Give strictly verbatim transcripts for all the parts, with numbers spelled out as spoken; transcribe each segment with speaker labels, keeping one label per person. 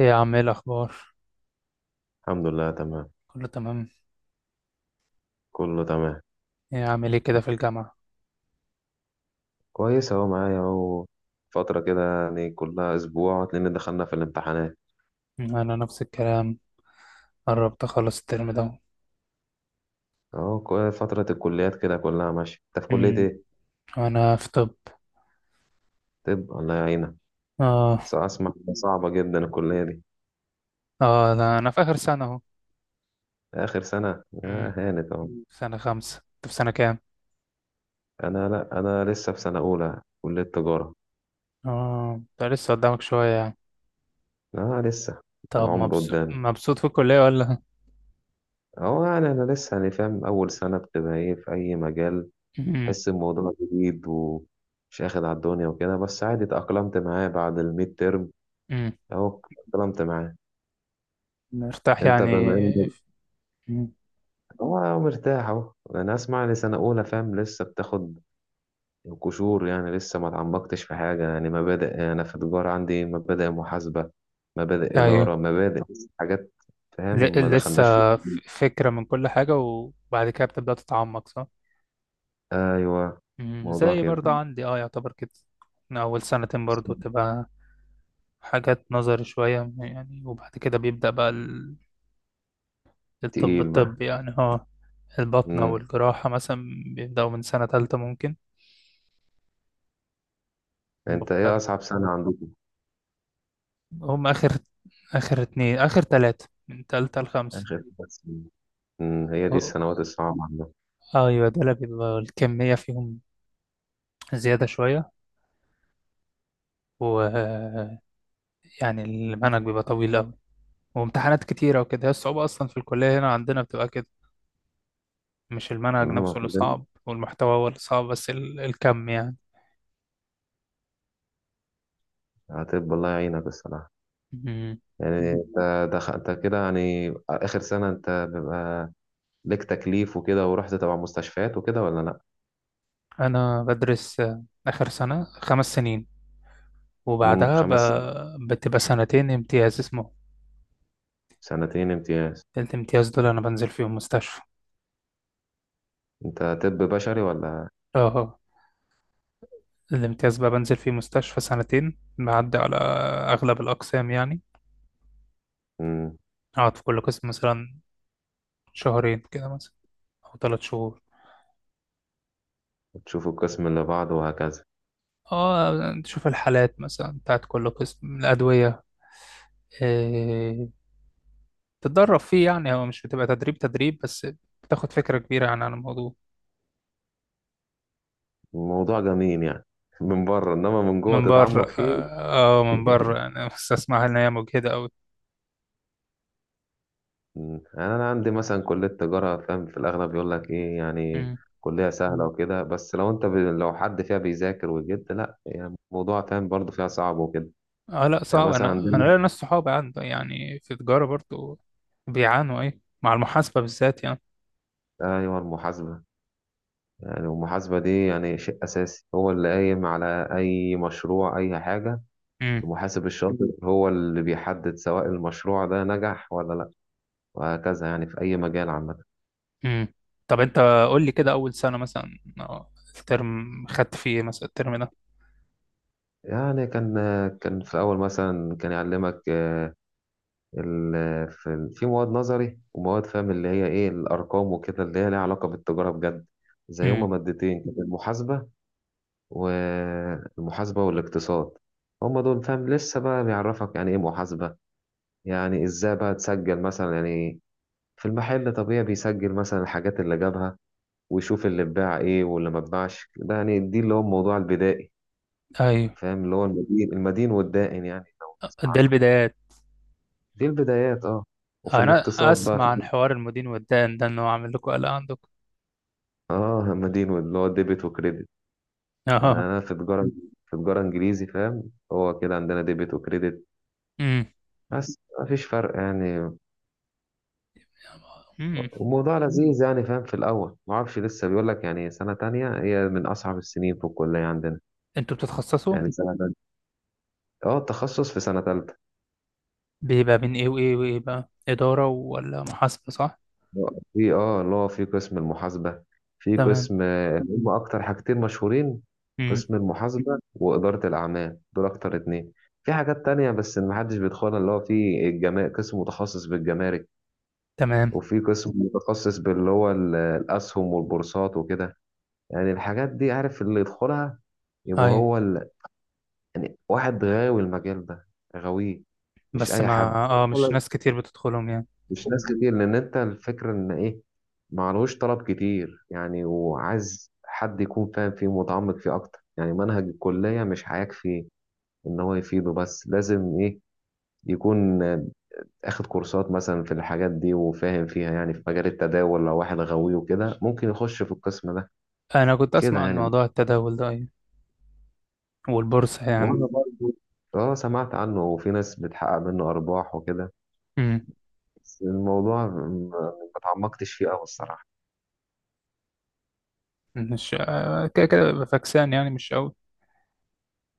Speaker 1: ايه يا عم، ايه الاخبار؟
Speaker 2: الحمد لله، تمام.
Speaker 1: كله تمام.
Speaker 2: كله تمام.
Speaker 1: ايه عامل ايه كده في الجامعه؟
Speaker 2: كويس اهو، معايا اهو فترة كده، يعني كلها اسبوع لان دخلنا في الامتحانات.
Speaker 1: مم، انا نفس الكلام. قربت اخلص الترم ده.
Speaker 2: اهو كو- فترة الكليات كده كلها ماشية. انت في كلية
Speaker 1: امم
Speaker 2: ايه؟
Speaker 1: انا في طب.
Speaker 2: طب الله يعينك.
Speaker 1: اه.
Speaker 2: بس اسمع إنها صعبة جدا الكلية دي.
Speaker 1: اه، لا، انا في اخر سنه اهو.
Speaker 2: اخر سنة
Speaker 1: امم
Speaker 2: آه هانت اهو.
Speaker 1: سنه خمسة، انت في سنه كام؟
Speaker 2: انا لا انا لسه في سنة اولى كلية تجارة.
Speaker 1: اه، ده لسه قدامك شويه يعني.
Speaker 2: اه لسه،
Speaker 1: طب،
Speaker 2: العمر
Speaker 1: مبسوط
Speaker 2: قدامي.
Speaker 1: مبسوط في الكليه ولا؟
Speaker 2: اهو يعني انا لسه يعني فاهم اول سنة بتبقى ايه في اي مجال.
Speaker 1: امم
Speaker 2: تحس الموضوع جديد ومش اخد على الدنيا وكده، بس عادي اتأقلمت معاه بعد الميد ترم.
Speaker 1: امم
Speaker 2: اهو اتأقلمت معاه.
Speaker 1: مرتاح
Speaker 2: انت
Speaker 1: يعني؟
Speaker 2: بما انك
Speaker 1: مم.
Speaker 2: هو مرتاح اهو. انا اسمع لي سنة اولى، فاهم لسه بتاخد قشور يعني، لسه ما اتعمقتش في حاجة. يعني مبادئ، انا في تجارة عندي مبادئ محاسبة، مبادئ
Speaker 1: ايوه.
Speaker 2: إدارة، مبادئ حاجات. فاهم ما
Speaker 1: ل... لسه.
Speaker 2: دخلناش في.
Speaker 1: ف- فكره من كل حاجه وبعد كده بتبدا تتعمق صح؟
Speaker 2: ايوه
Speaker 1: مم،
Speaker 2: موضوع
Speaker 1: زي
Speaker 2: كده
Speaker 1: برضه عندي اه يعتبر كده، من أول سنتين برضه تبقى حاجات نظري شوية يعني، وبعد كده بيبدأ بقى ال- الطب
Speaker 2: تقيل بقى.
Speaker 1: الطبي يعني. اه. البطنة
Speaker 2: مم.
Speaker 1: والجراحة مثلا بيبدأوا من سنة تالتة ممكن.
Speaker 2: انت ايه
Speaker 1: بفضل-
Speaker 2: اصعب سنة عندكم؟
Speaker 1: هم آخر، آخر اتنين، آخر تلاتة من تالتة لخمسة.
Speaker 2: اخر سنة. أمم، هي دي
Speaker 1: اه-
Speaker 2: السنوات الصعبة عندنا.
Speaker 1: أيوة، دول بيبقى الكمية فيهم زيادة شوية، ويعني المنهج بيبقى طويل أوي وامتحانات كتيرة وكده. هي الصعوبة أصلا في الكلية هنا عندنا بتبقى كده، مش المنهج
Speaker 2: أمم،
Speaker 1: نفسه اللي
Speaker 2: كلنا
Speaker 1: صعب والمحتوى هو اللي صعب، بس ال- الكم يعني.
Speaker 2: هتبقى الله يعينك الصراحة.
Speaker 1: مم.
Speaker 2: يعني انت دخ- انت كده يعني آخر سنة، انت بيبقى ليك تكليف وكده ورحت تبع مستشفيات وكده ولا لأ؟
Speaker 1: أنا بدرس، آه، آخر سنة خمس سنين،
Speaker 2: أمم،
Speaker 1: وبعدها ب...
Speaker 2: خمس سنين.
Speaker 1: بتبقى سنتين امتياز اسمه.
Speaker 2: سنتين امتياز.
Speaker 1: الامتياز دول أنا بنزل فيهم مستشفى.
Speaker 2: انت طب بشري ولا؟
Speaker 1: اه. الامتياز بقى بنزل فيه مستشفى سنتين، بعدي على أغلب الأقسام يعني.
Speaker 2: أمم،
Speaker 1: أقعد في كل قسم مثلا شهرين كده مثلا، أو ثلاث شهور.
Speaker 2: تشوف القسم اللي بعده وهكذا.
Speaker 1: اه، تشوف الحالات مثلا بتاعت كل قسم، الأدوية، آه، تتدرب فيه يعني. هو مش بتبقى تدريب تدريب بس، بتاخد فكرة كبيرة يعني عن الموضوع.
Speaker 2: الموضوع جميل يعني من بره، انما من جوه
Speaker 1: من بره.
Speaker 2: تتعمق فيه.
Speaker 1: اه آه، من بره انا بس اسمعها ان هي مجهدة قوي.
Speaker 2: مم. يعني انا عندي مثلا كليه تجاره، فاهم في الاغلب يقول لك ايه يعني
Speaker 1: مم.
Speaker 2: كليه سهله وكده، بس لو انت ب... لو حد فيها بيذاكر وجد، لا يعني الموضوع فاهم برضه فيها صعب وكده.
Speaker 1: اه لا،
Speaker 2: يعني
Speaker 1: صعب.
Speaker 2: مثلا
Speaker 1: انا انا
Speaker 2: عندنا.
Speaker 1: ليا ناس صحابي عنده يعني في تجارة برضو، بيعانوا ايه مع المحاسبة بالذات يعني.
Speaker 2: ايوه المحاسبه. يعني المحاسبه دي يعني شيء اساسي، هو اللي قايم على اي مشروع اي حاجه.
Speaker 1: امم
Speaker 2: المحاسب الشاطر، مم. هو اللي بيحدد سواء المشروع ده نجح ولا لا، وهكذا يعني في اي مجال عامه.
Speaker 1: امم طب انت، قول لي كده اول سنة مثلا، آه، الترم خدت فيه إيه مثلا الترم ده؟
Speaker 2: يعني كان، كان في الاول مثلا كان يعلمك، آه، ال- في في مواد نظري ومواد، فاهم اللي هي ايه الارقام وكده، اللي هي ليها علاقه بالتجاره بجد، زي هما
Speaker 1: امم
Speaker 2: مادتين كده: المحاسبه والمحاسبه والاقتصاد. هما دول فاهم لسه بقى بيعرفك يعني ايه محاسبه، يعني ازاي بقى تسجل مثلا. يعني في المحل طبيعي بيسجل مثلا الحاجات اللي جابها، ويشوف اللي اتباع ايه واللي ما اتباعش. ده يعني دي اللي هو الموضوع البدائي،
Speaker 1: ايوه،
Speaker 2: فاهم اللي هو المدين المدين والدائن، يعني لو تسمع
Speaker 1: ده
Speaker 2: عنه.
Speaker 1: البدايات.
Speaker 2: دي البدايات اه. وفي
Speaker 1: انا
Speaker 2: الاقتصاد بقى،
Speaker 1: اسمع عن حوار المدين والدائن ده انه عامل لكم قلق عندكم.
Speaker 2: اه همدين اللي هو ديبت وكريدت. انا
Speaker 1: اه.
Speaker 2: انا في تجاره، في تجاره انجليزي، فاهم هو كده عندنا ديبت وكريدت، بس ما فيش فرق يعني.
Speaker 1: امم
Speaker 2: الموضوع لذيذ يعني، فاهم في الاول ما اعرفش، لسه بيقول لك يعني سنه تانية هي من اصعب السنين في الكليه عندنا.
Speaker 1: انتوا بتتخصصوا،
Speaker 2: يعني سنه تانية، اه التخصص في سنه تالتة.
Speaker 1: بيبقى بين ايه وايه وايه بقى، اداره ولا محاسبه صح؟
Speaker 2: في اه اللي هو في قسم المحاسبة. في
Speaker 1: تمام.
Speaker 2: قسم، هم أكتر حاجتين مشهورين:
Speaker 1: امم
Speaker 2: قسم المحاسبة وإدارة الأعمال، دول أكتر اتنين. في حاجات تانية بس محدش بيدخلها، اللي هو في الجما... قسم متخصص بالجمارك،
Speaker 1: تمام.
Speaker 2: وفي قسم متخصص باللي هو ال- الأسهم والبورصات وكده. يعني الحاجات دي عارف اللي يدخلها يبقى
Speaker 1: ايوه
Speaker 2: هو ال... يعني واحد غاوي المجال ده، غاويه، مش
Speaker 1: بس
Speaker 2: أي
Speaker 1: ما.
Speaker 2: حد.
Speaker 1: اه، مش ناس كتير بتدخلهم يعني.
Speaker 2: مش ناس كتير، لان انت الفكره ان ايه، معلهوش طلب كتير يعني، وعايز حد يكون فاهم فيه متعمق فيه اكتر. يعني منهج الكليه مش هيكفي ان هو يفيده، بس لازم ايه يكون اخد كورسات مثلا في الحاجات دي وفاهم فيها. يعني في مجال التداول لو واحد غاوي وكده ممكن يخش في القسم ده،
Speaker 1: انا كنت اسمع
Speaker 2: كده
Speaker 1: عن
Speaker 2: يعني.
Speaker 1: موضوع التداول ده، ايوه، والبورصه يعني.
Speaker 2: وانا برضه اه سمعت عنه، وفي ناس بتحقق منه ارباح وكده.
Speaker 1: امم
Speaker 2: بس الموضوع م- ما اتعمقتش فيه قوي الصراحه.
Speaker 1: مش آه، كده كده ببقى فاكسان يعني، مش قوي.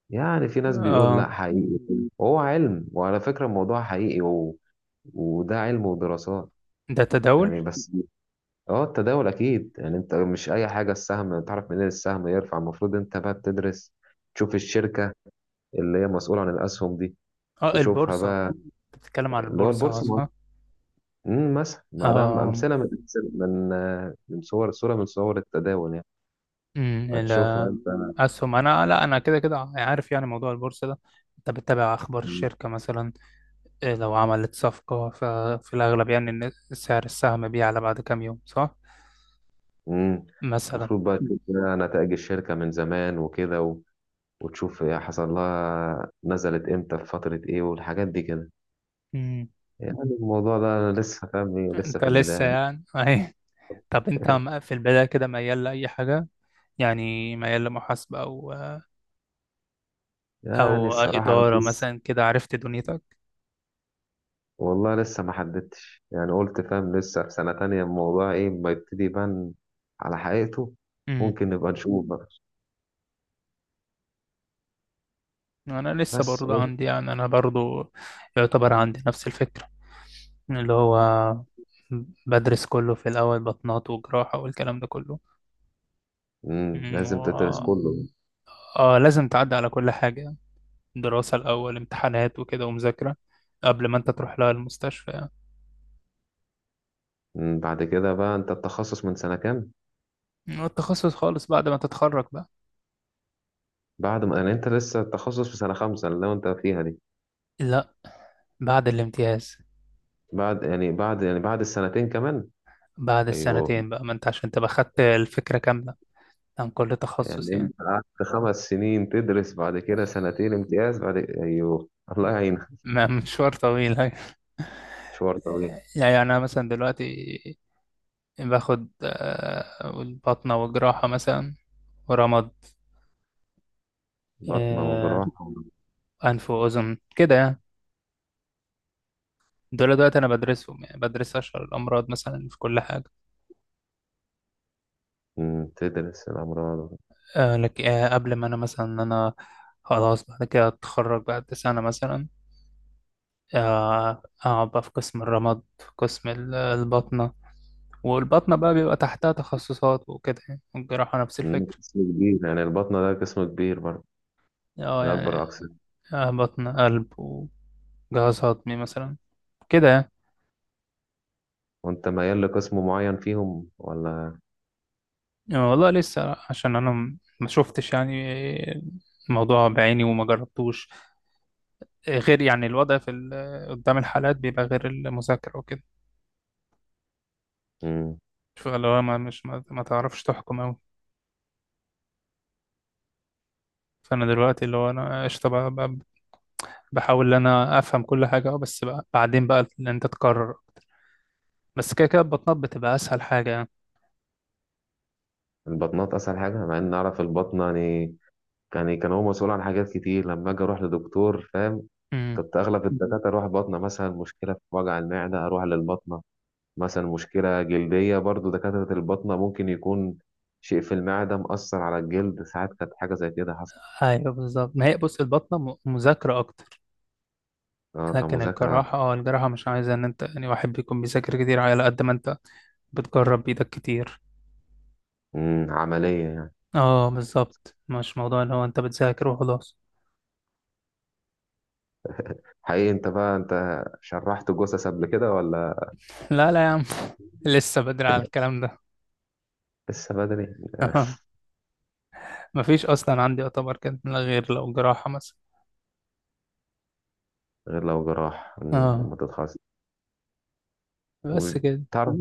Speaker 2: يعني في ناس بيقول لا
Speaker 1: اه.
Speaker 2: حقيقي، وهو علم، وعلى فكرة الموضوع حقيقي و... وده علم ودراسات
Speaker 1: ده
Speaker 2: يعني.
Speaker 1: تداول.
Speaker 2: بس اه التداول اكيد، يعني انت مش اي حاجة السهم تعرف منين السهم يرفع. المفروض انت بقى بتدرس، تشوف الشركة اللي هي مسؤولة عن الاسهم دي،
Speaker 1: اه،
Speaker 2: تشوفها
Speaker 1: البورصه.
Speaker 2: بقى.
Speaker 1: انت بتتكلم عن
Speaker 2: اللي هو
Speaker 1: البورصه،
Speaker 2: البورصة.
Speaker 1: صح؟
Speaker 2: امم مثلا ما دام
Speaker 1: اه.
Speaker 2: امثلة من أمثلة- من آه، من صور صورة من صور التداول يعني،
Speaker 1: امم
Speaker 2: فتشوفها انت.
Speaker 1: الاسهم. انا لا انا كده كده عارف يعني موضوع البورصه ده. انت بتتابع اخبار الشركه مثلا، إيه لو عملت صفقة ففي الأغلب يعني إن سعر السهم بيعلى بعد كام يوم صح؟
Speaker 2: امم
Speaker 1: مثلا.
Speaker 2: المفروض بقى تشوف بقى نتائج الشركة من زمان وكده، وتشوف هي حصل لها نزلت امتى في فترة ايه، والحاجات دي كده.
Speaker 1: مم.
Speaker 2: يعني الموضوع ده أنا لسه فاهم إيه، لسه
Speaker 1: أنت
Speaker 2: في
Speaker 1: لسه
Speaker 2: البداية.
Speaker 1: يعني أهي. طب أنت، م- في البداية كده ميال لأي حاجة؟ يعني ميال لمحاسبة، أو آه،
Speaker 2: يعني
Speaker 1: أو
Speaker 2: الصراحة أنا
Speaker 1: إدارة
Speaker 2: لسه،
Speaker 1: مثلا كده، عرفت دنيتك؟
Speaker 2: والله لسه ما حددتش يعني. قلت فاهم لسه في سنة تانية، الموضوع إيه ما يبتدي يبان على حقيقته.
Speaker 1: مم.
Speaker 2: ممكن نبقى نشوف بقى.
Speaker 1: أنا لسه
Speaker 2: بس
Speaker 1: برضه عندي يعني، أنا برضه يعتبر عندي نفس الفكرة، اللي هو بدرس كله في الأول، بطنات وجراحة والكلام ده كله.
Speaker 2: امم
Speaker 1: مم،
Speaker 2: لازم تدرس
Speaker 1: و...
Speaker 2: كله.
Speaker 1: آه، لازم تعدي على كل حاجة، دراسة الأول، امتحانات وكده، ومذاكرة قبل ما أنت تروح لها المستشفى
Speaker 2: امم بعد كده بقى أنت التخصص من سنة كام؟
Speaker 1: يعني. والتخصص خالص بعد ما تتخرج بقى.
Speaker 2: بعد ما يعني، أنت لسه التخصص في سنة خمسة اللي هو أنت فيها دي؟
Speaker 1: لا، بعد الامتياز.
Speaker 2: بعد يعني بعد يعني بعد السنتين كمان.
Speaker 1: بعد
Speaker 2: أيوه.
Speaker 1: السنتين بقى، ما أنت عشان تبقى خدت الفكرة كاملة عن كل تخصص
Speaker 2: يعني انت
Speaker 1: يعني.
Speaker 2: قعدت خمس سنين تدرس، بعد كده سنتين امتياز، بعد ايوه. الله يعينك.
Speaker 1: ما- مشوار طويل يعني.
Speaker 2: مشوار طويل.
Speaker 1: يعني أنا مثلا دلوقتي باخد، آه، الباطنة والجراحة مثلا، ورمد،
Speaker 2: بطنة
Speaker 1: آه،
Speaker 2: وجراحة.
Speaker 1: أنف وأذن كده يعني. دول دلوقتي أنا بدرسهم يعني، بدرس أشهر الأمراض مثلا في كل حاجة.
Speaker 2: أمم، تدرس الأمراض.
Speaker 1: آه لك. آه قبل ما انا مثلا، إن انا خلاص بعد كده اتخرج بعد سنة مثلا، آه، اقعد بقى في قسم الرمد، في قسم ال- الباطنة. والباطنة بقى بيبقى تحتها تخصصات وكده يعني، والجراحة نفس
Speaker 2: أمم،
Speaker 1: الفكرة.
Speaker 2: قسم كبير يعني البطنة ده، قسم كبير برضه،
Speaker 1: اه
Speaker 2: من أكبر
Speaker 1: يعني.
Speaker 2: الأقسام.
Speaker 1: آه، بطن، قلب، وجهاز هضمي مثلا، كده يعني.
Speaker 2: وأنت ميال لقسم معين فيهم ولا؟
Speaker 1: آه، والله لسه، عشان انا م- ما شفتش يعني الموضوع بعيني وما جربتوش. آه، غير يعني الوضع في ال- قدام الحالات بيبقى غير المذاكرة وكده.
Speaker 2: أمم،
Speaker 1: فلو ما مش ما ما تعرفش تحكم أوي. فانا دلوقتي اللي هو انا قشطه بقى بقى، بحاول ان انا افهم كل حاجه، اه بس بقى بعدين بقى ان انت تكرر اكتر. بس كده كده البطنه بتبقى اسهل حاجه يعني.
Speaker 2: البطنات أسهل حاجة، مع إن أعرف البطنة يعني، يعني كان هو مسؤول عن حاجات كتير. لما أجي أروح لدكتور، فاهم
Speaker 1: امم
Speaker 2: كنت أغلب الدكاترة أروح بطنة. مثلا مشكلة في وجع المعدة أروح للبطنة. مثلا مشكلة جلدية برضو دكاترة الباطنة، ممكن يكون شيء في المعدة مأثر على الجلد. ساعات كانت حاجة زي كده حصلت.
Speaker 1: ايوه بالظبط، ما هي بص البطنه م- مذاكره اكتر.
Speaker 2: اه
Speaker 1: لكن
Speaker 2: كمذاكرة.
Speaker 1: الجراحه اه الجراحه مش عايزه ان انت يعني واحد بيكون بيذاكر كتير، على قد ما انت بتجرب بايدك كتير.
Speaker 2: مم، عملية يعني.
Speaker 1: اه بالظبط، مش موضوع اللي هو انت بتذاكر وخلاص.
Speaker 2: حقيقي انت بقى انت شرحت جثث قبل كده ولا؟
Speaker 1: لا، لا يا عم. لسه بدري على الكلام ده.
Speaker 2: لسه بدري. آه،
Speaker 1: اه. مفيش اصلا عندي يعتبر كده غير لو جراحه مثلا.
Speaker 2: غير لو جراح. مم،
Speaker 1: اه،
Speaker 2: لما تتخصص
Speaker 1: بس كده.
Speaker 2: وتعرف.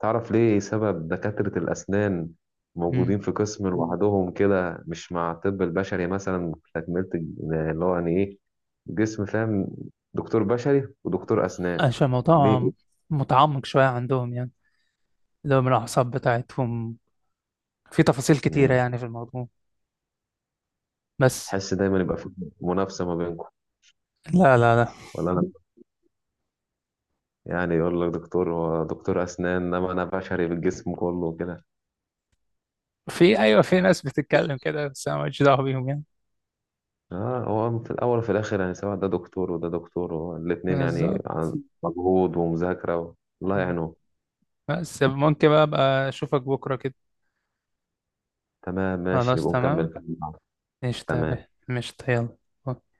Speaker 2: تعرف ليه سبب دكاترة الأسنان موجودين في قسم لوحدهم كده، مش مع الطب البشري مثلا، تكملة الج- اللي هو يعني إيه جسم، فاهم دكتور بشري ودكتور أسنان
Speaker 1: عشان
Speaker 2: ليه
Speaker 1: الموضوع
Speaker 2: كده؟
Speaker 1: متعمق شوية عندهم يعني، اللي هو من الأعصاب بتاعتهم، في تفاصيل كتيرة
Speaker 2: مم.
Speaker 1: يعني في الموضوع. بس.
Speaker 2: حس دايما يبقى في منافسة ما بينكم
Speaker 1: لا، لا، لا.
Speaker 2: ولا؟ أنا يعني يقول لك دكتور، هو دكتور أسنان إنما أنا بشري بالجسم كله وكده.
Speaker 1: في أيوة، في ناس بتتكلم كده بس أنا ماليش دعوة بيهم يعني.
Speaker 2: آه هو في الأول وفي الآخر يعني، سواء ده دكتور وده دكتور، هو الاتنين يعني
Speaker 1: بالظبط.
Speaker 2: عن مجهود ومذاكرة و- الله
Speaker 1: م.
Speaker 2: يعينهم.
Speaker 1: بس ممكن بقى أبقى أشوفك بكرة كده.
Speaker 2: تمام، ماشي
Speaker 1: خلاص
Speaker 2: نبقى نكمل
Speaker 1: تمام.
Speaker 2: كلام.
Speaker 1: قشطة يا
Speaker 2: تمام.
Speaker 1: بيه. قشطة يلا